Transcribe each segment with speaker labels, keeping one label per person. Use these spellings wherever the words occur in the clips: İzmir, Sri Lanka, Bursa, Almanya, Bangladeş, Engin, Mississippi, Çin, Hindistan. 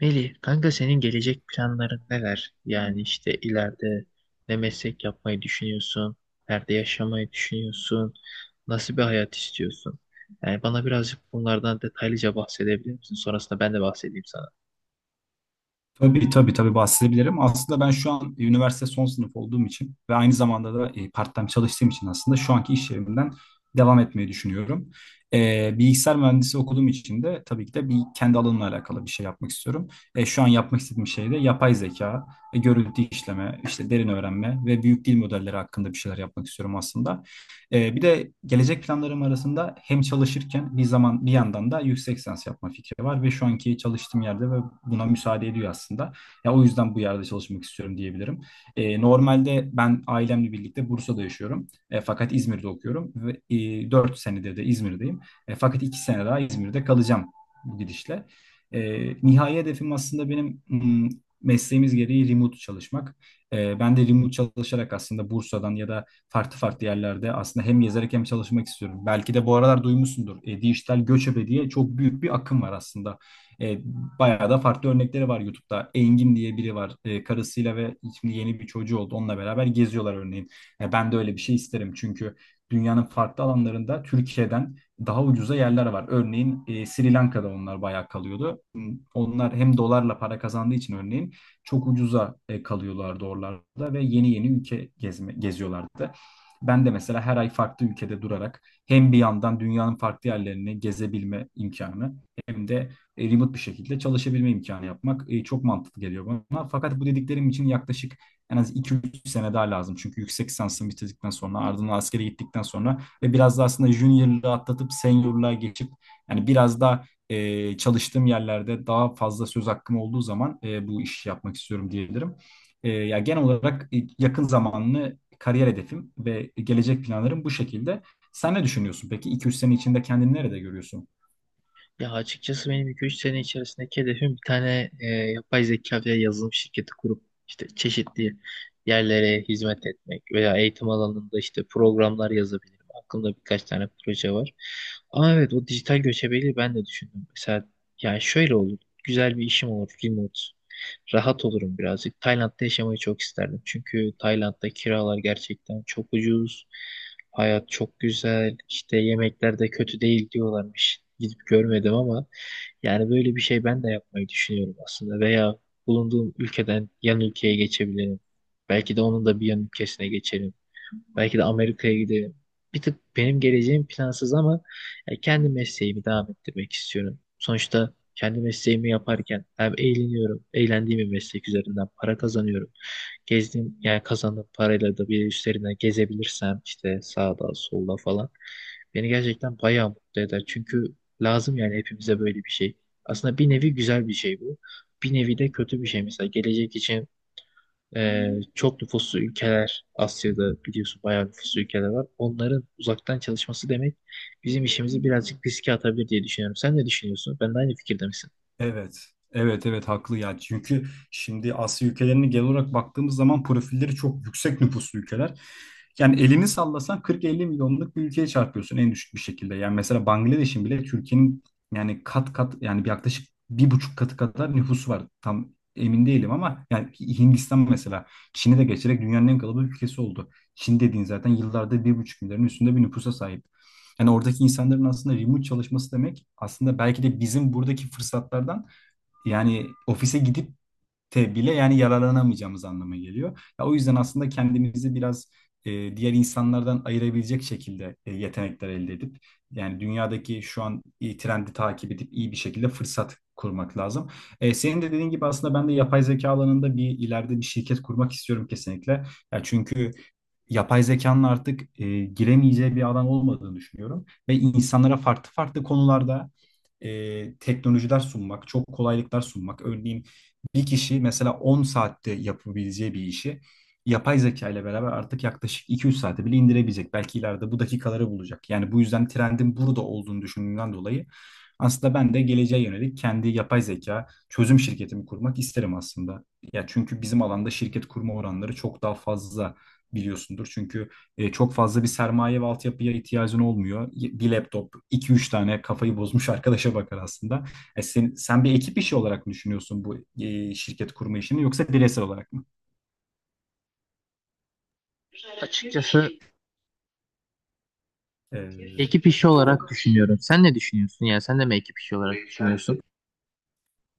Speaker 1: Melih, kanka senin gelecek planların neler? Yani işte ileride ne meslek yapmayı düşünüyorsun? Nerede yaşamayı düşünüyorsun? Nasıl bir hayat istiyorsun? Yani bana birazcık bunlardan detaylıca bahsedebilir misin? Sonrasında ben de bahsedeyim sana.
Speaker 2: Tabii tabii tabii bahsedebilirim. Aslında ben şu an üniversite son sınıf olduğum için ve aynı zamanda da part-time çalıştığım için aslında şu anki iş yerimden devam etmeyi düşünüyorum. Bilgisayar mühendisi okuduğum için de tabii ki de bir kendi alanımla alakalı bir şey yapmak istiyorum. Şu an yapmak istediğim şey de yapay zeka, görüntü işleme, işte derin öğrenme ve büyük dil modelleri hakkında bir şeyler yapmak istiyorum aslında. Bir de gelecek planlarım arasında hem çalışırken bir zaman bir yandan da yüksek lisans yapma fikri var ve şu anki çalıştığım yerde ve buna müsaade ediyor aslında. Ya o yüzden bu yerde çalışmak istiyorum diyebilirim. Normalde ben ailemle birlikte Bursa'da yaşıyorum. Fakat İzmir'de okuyorum ve 4 senedir de İzmir'deyim. Fakat 2 sene daha İzmir'de kalacağım bu gidişle. E, Nihai hedefim aslında benim mesleğimiz gereği remote çalışmak. Ben de remote çalışarak aslında Bursa'dan ya da farklı farklı yerlerde aslında hem yazarak hem çalışmak istiyorum. Belki de bu aralar duymuşsundur. Dijital göçebe diye çok büyük bir akım var aslında. E, Bayağı da farklı örnekleri var YouTube'da. Engin diye biri var. Karısıyla ve şimdi yeni bir çocuğu oldu. Onunla beraber geziyorlar örneğin. Ben de öyle bir şey isterim çünkü dünyanın farklı alanlarında Türkiye'den daha ucuza yerler var. Örneğin Sri Lanka'da onlar bayağı kalıyordu. Onlar hem dolarla para kazandığı için örneğin çok ucuza kalıyorlardı oralarda ve yeni yeni ülke geziyorlardı. Ben de mesela her ay farklı ülkede durarak hem bir yandan dünyanın farklı yerlerini gezebilme imkanı hem de remote bir şekilde çalışabilme imkanı yapmak çok mantıklı geliyor bana. Fakat bu dediklerim için yaklaşık en az 2-3 sene daha lazım. Çünkü yüksek lisansımı bitirdikten sonra ardından askere gittikten sonra ve biraz da aslında junior'lığı atlatıp senior'lığa geçip yani biraz da çalıştığım yerlerde daha fazla söz hakkım olduğu zaman bu işi yapmak istiyorum diyebilirim. Ya genel olarak yakın zamanlı kariyer hedefim ve gelecek planlarım bu şekilde. Sen ne düşünüyorsun peki? iki üç sene içinde kendini nerede görüyorsun?
Speaker 1: Ya açıkçası benim iki üç sene içerisindeki hedefim bir tane yapay zeka veya yazılım şirketi kurup işte çeşitli yerlere hizmet etmek veya eğitim alanında işte programlar yazabilirim. Aklımda birkaç tane proje var. Ama evet o dijital göçebeliği ben de düşündüm. Mesela yani şöyle olur. Güzel bir işim olur remote, rahat olurum birazcık. Tayland'da yaşamayı çok isterdim. Çünkü Tayland'da kiralar gerçekten çok ucuz. Hayat çok güzel. İşte yemekler de kötü değil diyorlarmış. Gidip görmedim ama yani böyle bir şey ben de yapmayı düşünüyorum aslında. Veya bulunduğum ülkeden yan ülkeye geçebilirim. Belki de onun da bir yan ülkesine geçerim. Belki de Amerika'ya giderim. Bir tık benim geleceğim plansız ama ya, kendi mesleğimi devam ettirmek istiyorum. Sonuçta kendi mesleğimi yaparken hem eğleniyorum, eğlendiğim bir meslek üzerinden para kazanıyorum. Gezdiğim, yani kazandığım parayla da bir üstlerine gezebilirsem işte sağda, solda falan beni gerçekten bayağı mutlu eder. Çünkü lazım yani hepimize böyle bir şey. Aslında bir nevi güzel bir şey bu. Bir nevi de kötü bir şey. Mesela gelecek için çok nüfuslu ülkeler, Asya'da biliyorsun bayağı nüfuslu ülkeler var. Onların uzaktan çalışması demek bizim işimizi birazcık riske atabilir diye düşünüyorum. Sen ne düşünüyorsun? Ben de aynı fikirde misin?
Speaker 2: Evet. Evet evet haklı ya. Çünkü şimdi Asya ülkelerine genel olarak baktığımız zaman profilleri çok yüksek nüfuslu ülkeler. Yani elini sallasan 40-50 milyonluk bir ülkeye çarpıyorsun en düşük bir şekilde. Yani mesela Bangladeş'in bile Türkiye'nin yani kat kat yani bir yaklaşık 1,5 katı kadar nüfusu var. Tam emin değilim ama yani Hindistan mesela Çin'i de geçerek dünyanın en kalabalık ülkesi oldu. Çin dediğin zaten yıllarda 1,5 milyarın üstünde bir nüfusa sahip. Yani oradaki insanların aslında remote çalışması demek aslında belki de bizim buradaki fırsatlardan yani ofise gidip bile yani yararlanamayacağımız anlamına geliyor. Ya o yüzden aslında kendimizi biraz diğer insanlardan ayırabilecek şekilde yetenekler elde edip yani dünyadaki şu an trendi takip edip iyi bir şekilde fırsat kurmak lazım. Senin de dediğin gibi aslında ben de yapay zeka alanında bir ileride bir şirket kurmak istiyorum kesinlikle. Ya çünkü yapay zekanın artık giremeyeceği bir alan olmadığını düşünüyorum ve insanlara farklı farklı konularda teknolojiler sunmak, çok kolaylıklar sunmak. Örneğin bir kişi mesela 10 saatte yapabileceği bir işi yapay zeka ile beraber artık yaklaşık 2-3 saate bile indirebilecek. Belki ileride bu dakikaları bulacak. Yani bu yüzden trendin burada olduğunu düşündüğümden dolayı aslında ben de geleceğe yönelik kendi yapay zeka çözüm şirketimi kurmak isterim aslında. Ya çünkü bizim alanda şirket kurma oranları çok daha fazla biliyorsundur. Çünkü çok fazla bir sermaye ve altyapıya ihtiyacın olmuyor. Bir laptop, 2-3 tane kafayı bozmuş arkadaşa bakar aslında. Sen bir ekip işi olarak mı düşünüyorsun bu şirket kurma işini yoksa bireysel olarak mı?
Speaker 1: Açıkçası
Speaker 2: E,
Speaker 1: ekip işi olarak
Speaker 2: e,
Speaker 1: düşünüyorum. Sen ne düşünüyorsun? Yani sen de mi ekip işi olarak düşünüyorsun?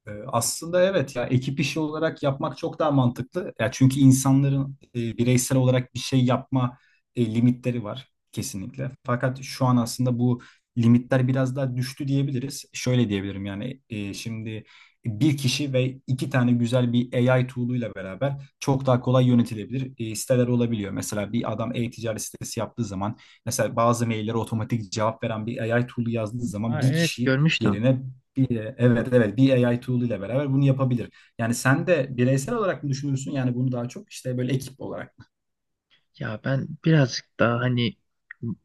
Speaker 2: Aslında evet ya ekip işi olarak yapmak çok daha mantıklı. Ya çünkü insanların bireysel olarak bir şey yapma limitleri var kesinlikle. Fakat şu an aslında bu limitler biraz daha düştü diyebiliriz. Şöyle diyebilirim yani şimdi bir kişi ve 2 tane güzel bir AI tool'uyla beraber çok daha kolay yönetilebilir siteler olabiliyor. Mesela bir adam e-ticaret sitesi yaptığı zaman mesela bazı maillere otomatik cevap veren bir AI tool'u yazdığı zaman
Speaker 1: Aa,
Speaker 2: bir
Speaker 1: evet,
Speaker 2: kişi
Speaker 1: görmüştüm.
Speaker 2: yerine bir, evet evet bir A I tool ile beraber bunu yapabilir. Yani sen de bireysel olarak mı düşünürsün? Yani bunu daha çok işte böyle ekip olarak.
Speaker 1: Ya ben birazcık daha hani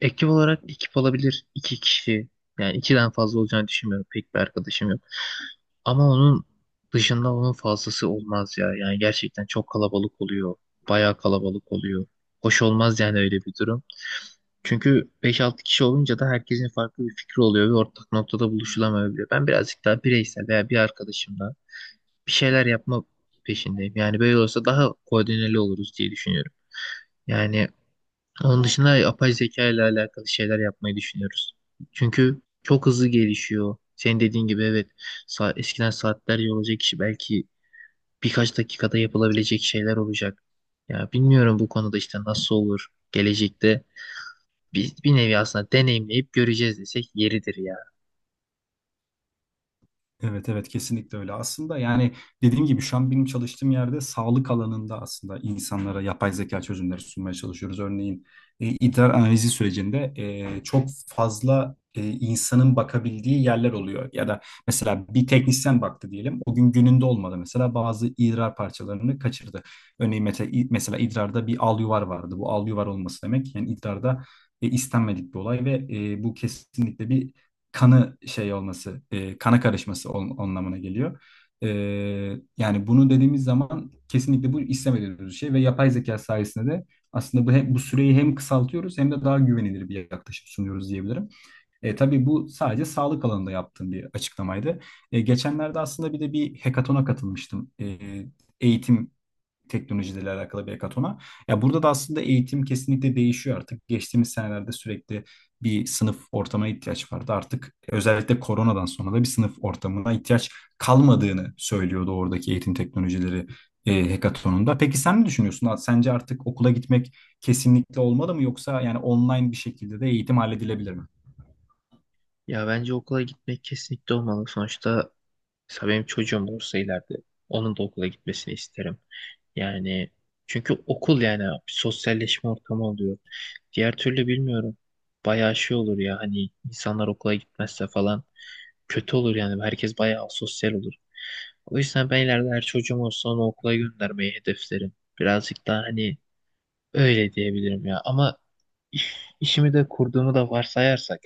Speaker 1: ekip olarak, ekip olabilir iki kişi. Yani ikiden fazla olacağını düşünmüyorum. Pek bir arkadaşım yok. Ama onun dışında onun fazlası olmaz ya. Yani gerçekten çok kalabalık oluyor. Bayağı kalabalık oluyor. Hoş olmaz yani öyle bir durum. Çünkü beş altı kişi olunca da herkesin farklı bir fikri oluyor ve ortak noktada buluşulamayabiliyor. Ben birazcık daha bireysel veya bir arkadaşımla bir şeyler yapma peşindeyim. Yani böyle olsa daha koordineli oluruz diye düşünüyorum. Yani onun dışında yapay zeka ile alakalı şeyler yapmayı düşünüyoruz. Çünkü çok hızlı gelişiyor. Senin dediğin gibi, evet, eskiden saatlerce olacak işi belki birkaç dakikada yapılabilecek şeyler olacak. Ya bilmiyorum bu konuda işte nasıl olur gelecekte, bir, bir nevi aslında deneyimleyip göreceğiz desek yeridir ya.
Speaker 2: Evet evet kesinlikle öyle. Aslında yani dediğim gibi şu an benim çalıştığım yerde sağlık alanında aslında insanlara yapay zeka çözümleri sunmaya çalışıyoruz. Örneğin idrar analizi sürecinde çok fazla insanın bakabildiği yerler oluyor. Ya da mesela bir teknisyen baktı diyelim. O gün gününde olmadı mesela bazı idrar parçalarını kaçırdı. Örneğin mesela idrarda bir al yuvar vardı. Bu al yuvar olması demek yani idrarda istenmedik bir olay ve bu kesinlikle bir kanı şey olması, kana karışması anlamına geliyor. E, Yani bunu dediğimiz zaman kesinlikle bu istemediğimiz bir şey ve yapay zeka sayesinde de aslında bu süreyi hem kısaltıyoruz hem de daha güvenilir bir yaklaşım sunuyoruz diyebilirim. Tabii bu sadece sağlık alanında yaptığım bir açıklamaydı. Geçenlerde aslında bir de bir hekatona katılmıştım. Eğitim teknolojiyle alakalı bir hekatona. Ya burada da aslında eğitim kesinlikle değişiyor artık. Geçtiğimiz senelerde sürekli bir sınıf ortamına ihtiyaç vardı. Artık özellikle koronadan sonra da bir sınıf ortamına ihtiyaç kalmadığını söylüyordu oradaki eğitim teknolojileri hekatonunda. Peki sen ne düşünüyorsun? Sence artık okula gitmek kesinlikle olmalı mı yoksa yani online bir şekilde de eğitim halledilebilir mi?
Speaker 1: Ya bence okula gitmek kesinlikle olmalı. Sonuçta mesela benim çocuğum olursa ileride onun da okula gitmesini isterim. Yani çünkü okul yani bir sosyalleşme ortamı oluyor. Diğer türlü bilmiyorum. Bayağı şey olur ya, hani insanlar okula gitmezse falan kötü olur yani. Herkes bayağı sosyal olur. O yüzden ben ileride her çocuğum olsa onu okula göndermeyi hedeflerim. Birazcık daha hani öyle diyebilirim ya. Ama işimi de kurduğumu da varsayarsak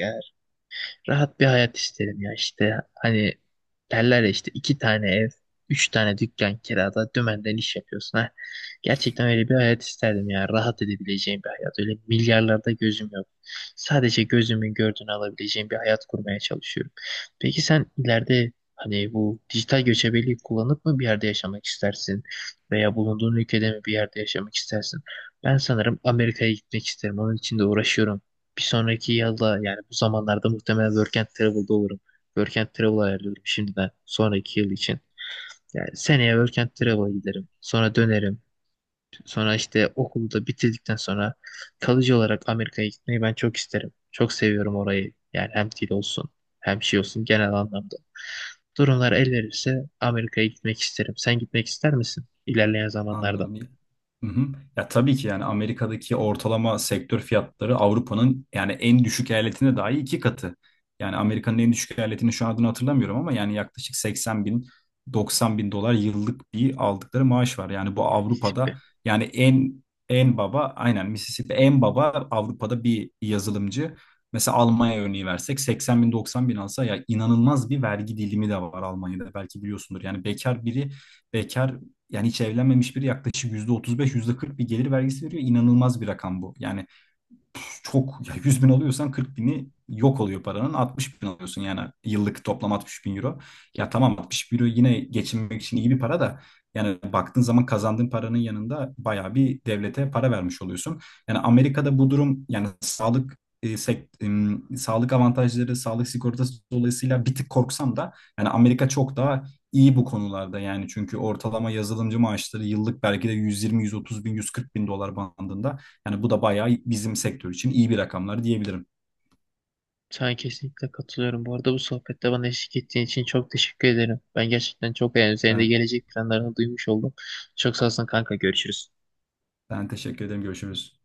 Speaker 1: rahat bir hayat isterim ya, işte hani derler ya, işte iki tane ev, üç tane dükkan kirada dümenden iş yapıyorsun ha. Gerçekten öyle bir hayat isterdim ya, rahat edebileceğim bir hayat. Öyle milyarlarda gözüm yok. Sadece gözümün gördüğünü alabileceğim bir hayat kurmaya çalışıyorum. Peki sen ileride hani bu dijital göçebeliği kullanıp mı bir yerde yaşamak istersin? Veya bulunduğun ülkede mi bir yerde yaşamak istersin? Ben sanırım Amerika'ya gitmek isterim. Onun için de uğraşıyorum. Bir sonraki yılda yani bu zamanlarda muhtemelen Work and Travel'da olurum. Work and Travel ayarlıyorum şimdiden sonraki yıl için. Yani seneye Work and Travel'a giderim. Sonra dönerim. Sonra işte okulu da bitirdikten sonra kalıcı olarak Amerika'ya gitmeyi ben çok isterim. Çok seviyorum orayı. Yani hem dil olsun hem şey olsun genel anlamda. Durumlar el verirse Amerika'ya gitmek isterim. Sen gitmek ister misin ilerleyen zamanlarda?
Speaker 2: Anladım. Hı hı. Ya tabii ki yani Amerika'daki ortalama sektör fiyatları Avrupa'nın yani en düşük eyaletinde dahi 2 katı. Yani Amerika'nın en düşük eyaletini şu an adını hatırlamıyorum ama yani yaklaşık 80 bin 90 bin dolar yıllık bir aldıkları maaş var. Yani bu Avrupa'da
Speaker 1: Mississippi.
Speaker 2: yani en baba aynen Mississippi en baba Avrupa'da bir yazılımcı. Mesela Almanya örneği versek 80 bin 90 bin alsa ya inanılmaz bir vergi dilimi de var Almanya'da belki biliyorsundur. Yani bekar biri bekar yani hiç evlenmemiş biri yaklaşık %35, %40 bir gelir vergisi veriyor. İnanılmaz bir rakam bu. Yani çok ya 100 bin alıyorsan 40 bini yok oluyor paranın 60 bin alıyorsun yani yıllık toplam 60 bin euro. Ya tamam 60 bin euro yine geçinmek için iyi bir para da yani baktığın zaman kazandığın paranın yanında bayağı bir devlete para vermiş oluyorsun. Yani Amerika'da bu durum yani sağlık sağlık avantajları, sağlık sigortası dolayısıyla bir tık korksam da yani Amerika çok daha iyi bu konularda yani çünkü ortalama yazılımcı maaşları yıllık belki de 120 130 bin 140 bin dolar bandında. Yani bu da bayağı bizim sektör için iyi bir rakamlar diyebilirim.
Speaker 1: Sana kesinlikle katılıyorum. Bu arada bu sohbette bana eşlik ettiğin için çok teşekkür ederim. Ben gerçekten çok beğendim. Senin de
Speaker 2: Ben,
Speaker 1: gelecek planlarını duymuş oldum. Çok sağ olsun kanka. Görüşürüz.
Speaker 2: ben teşekkür ederim. Görüşürüz.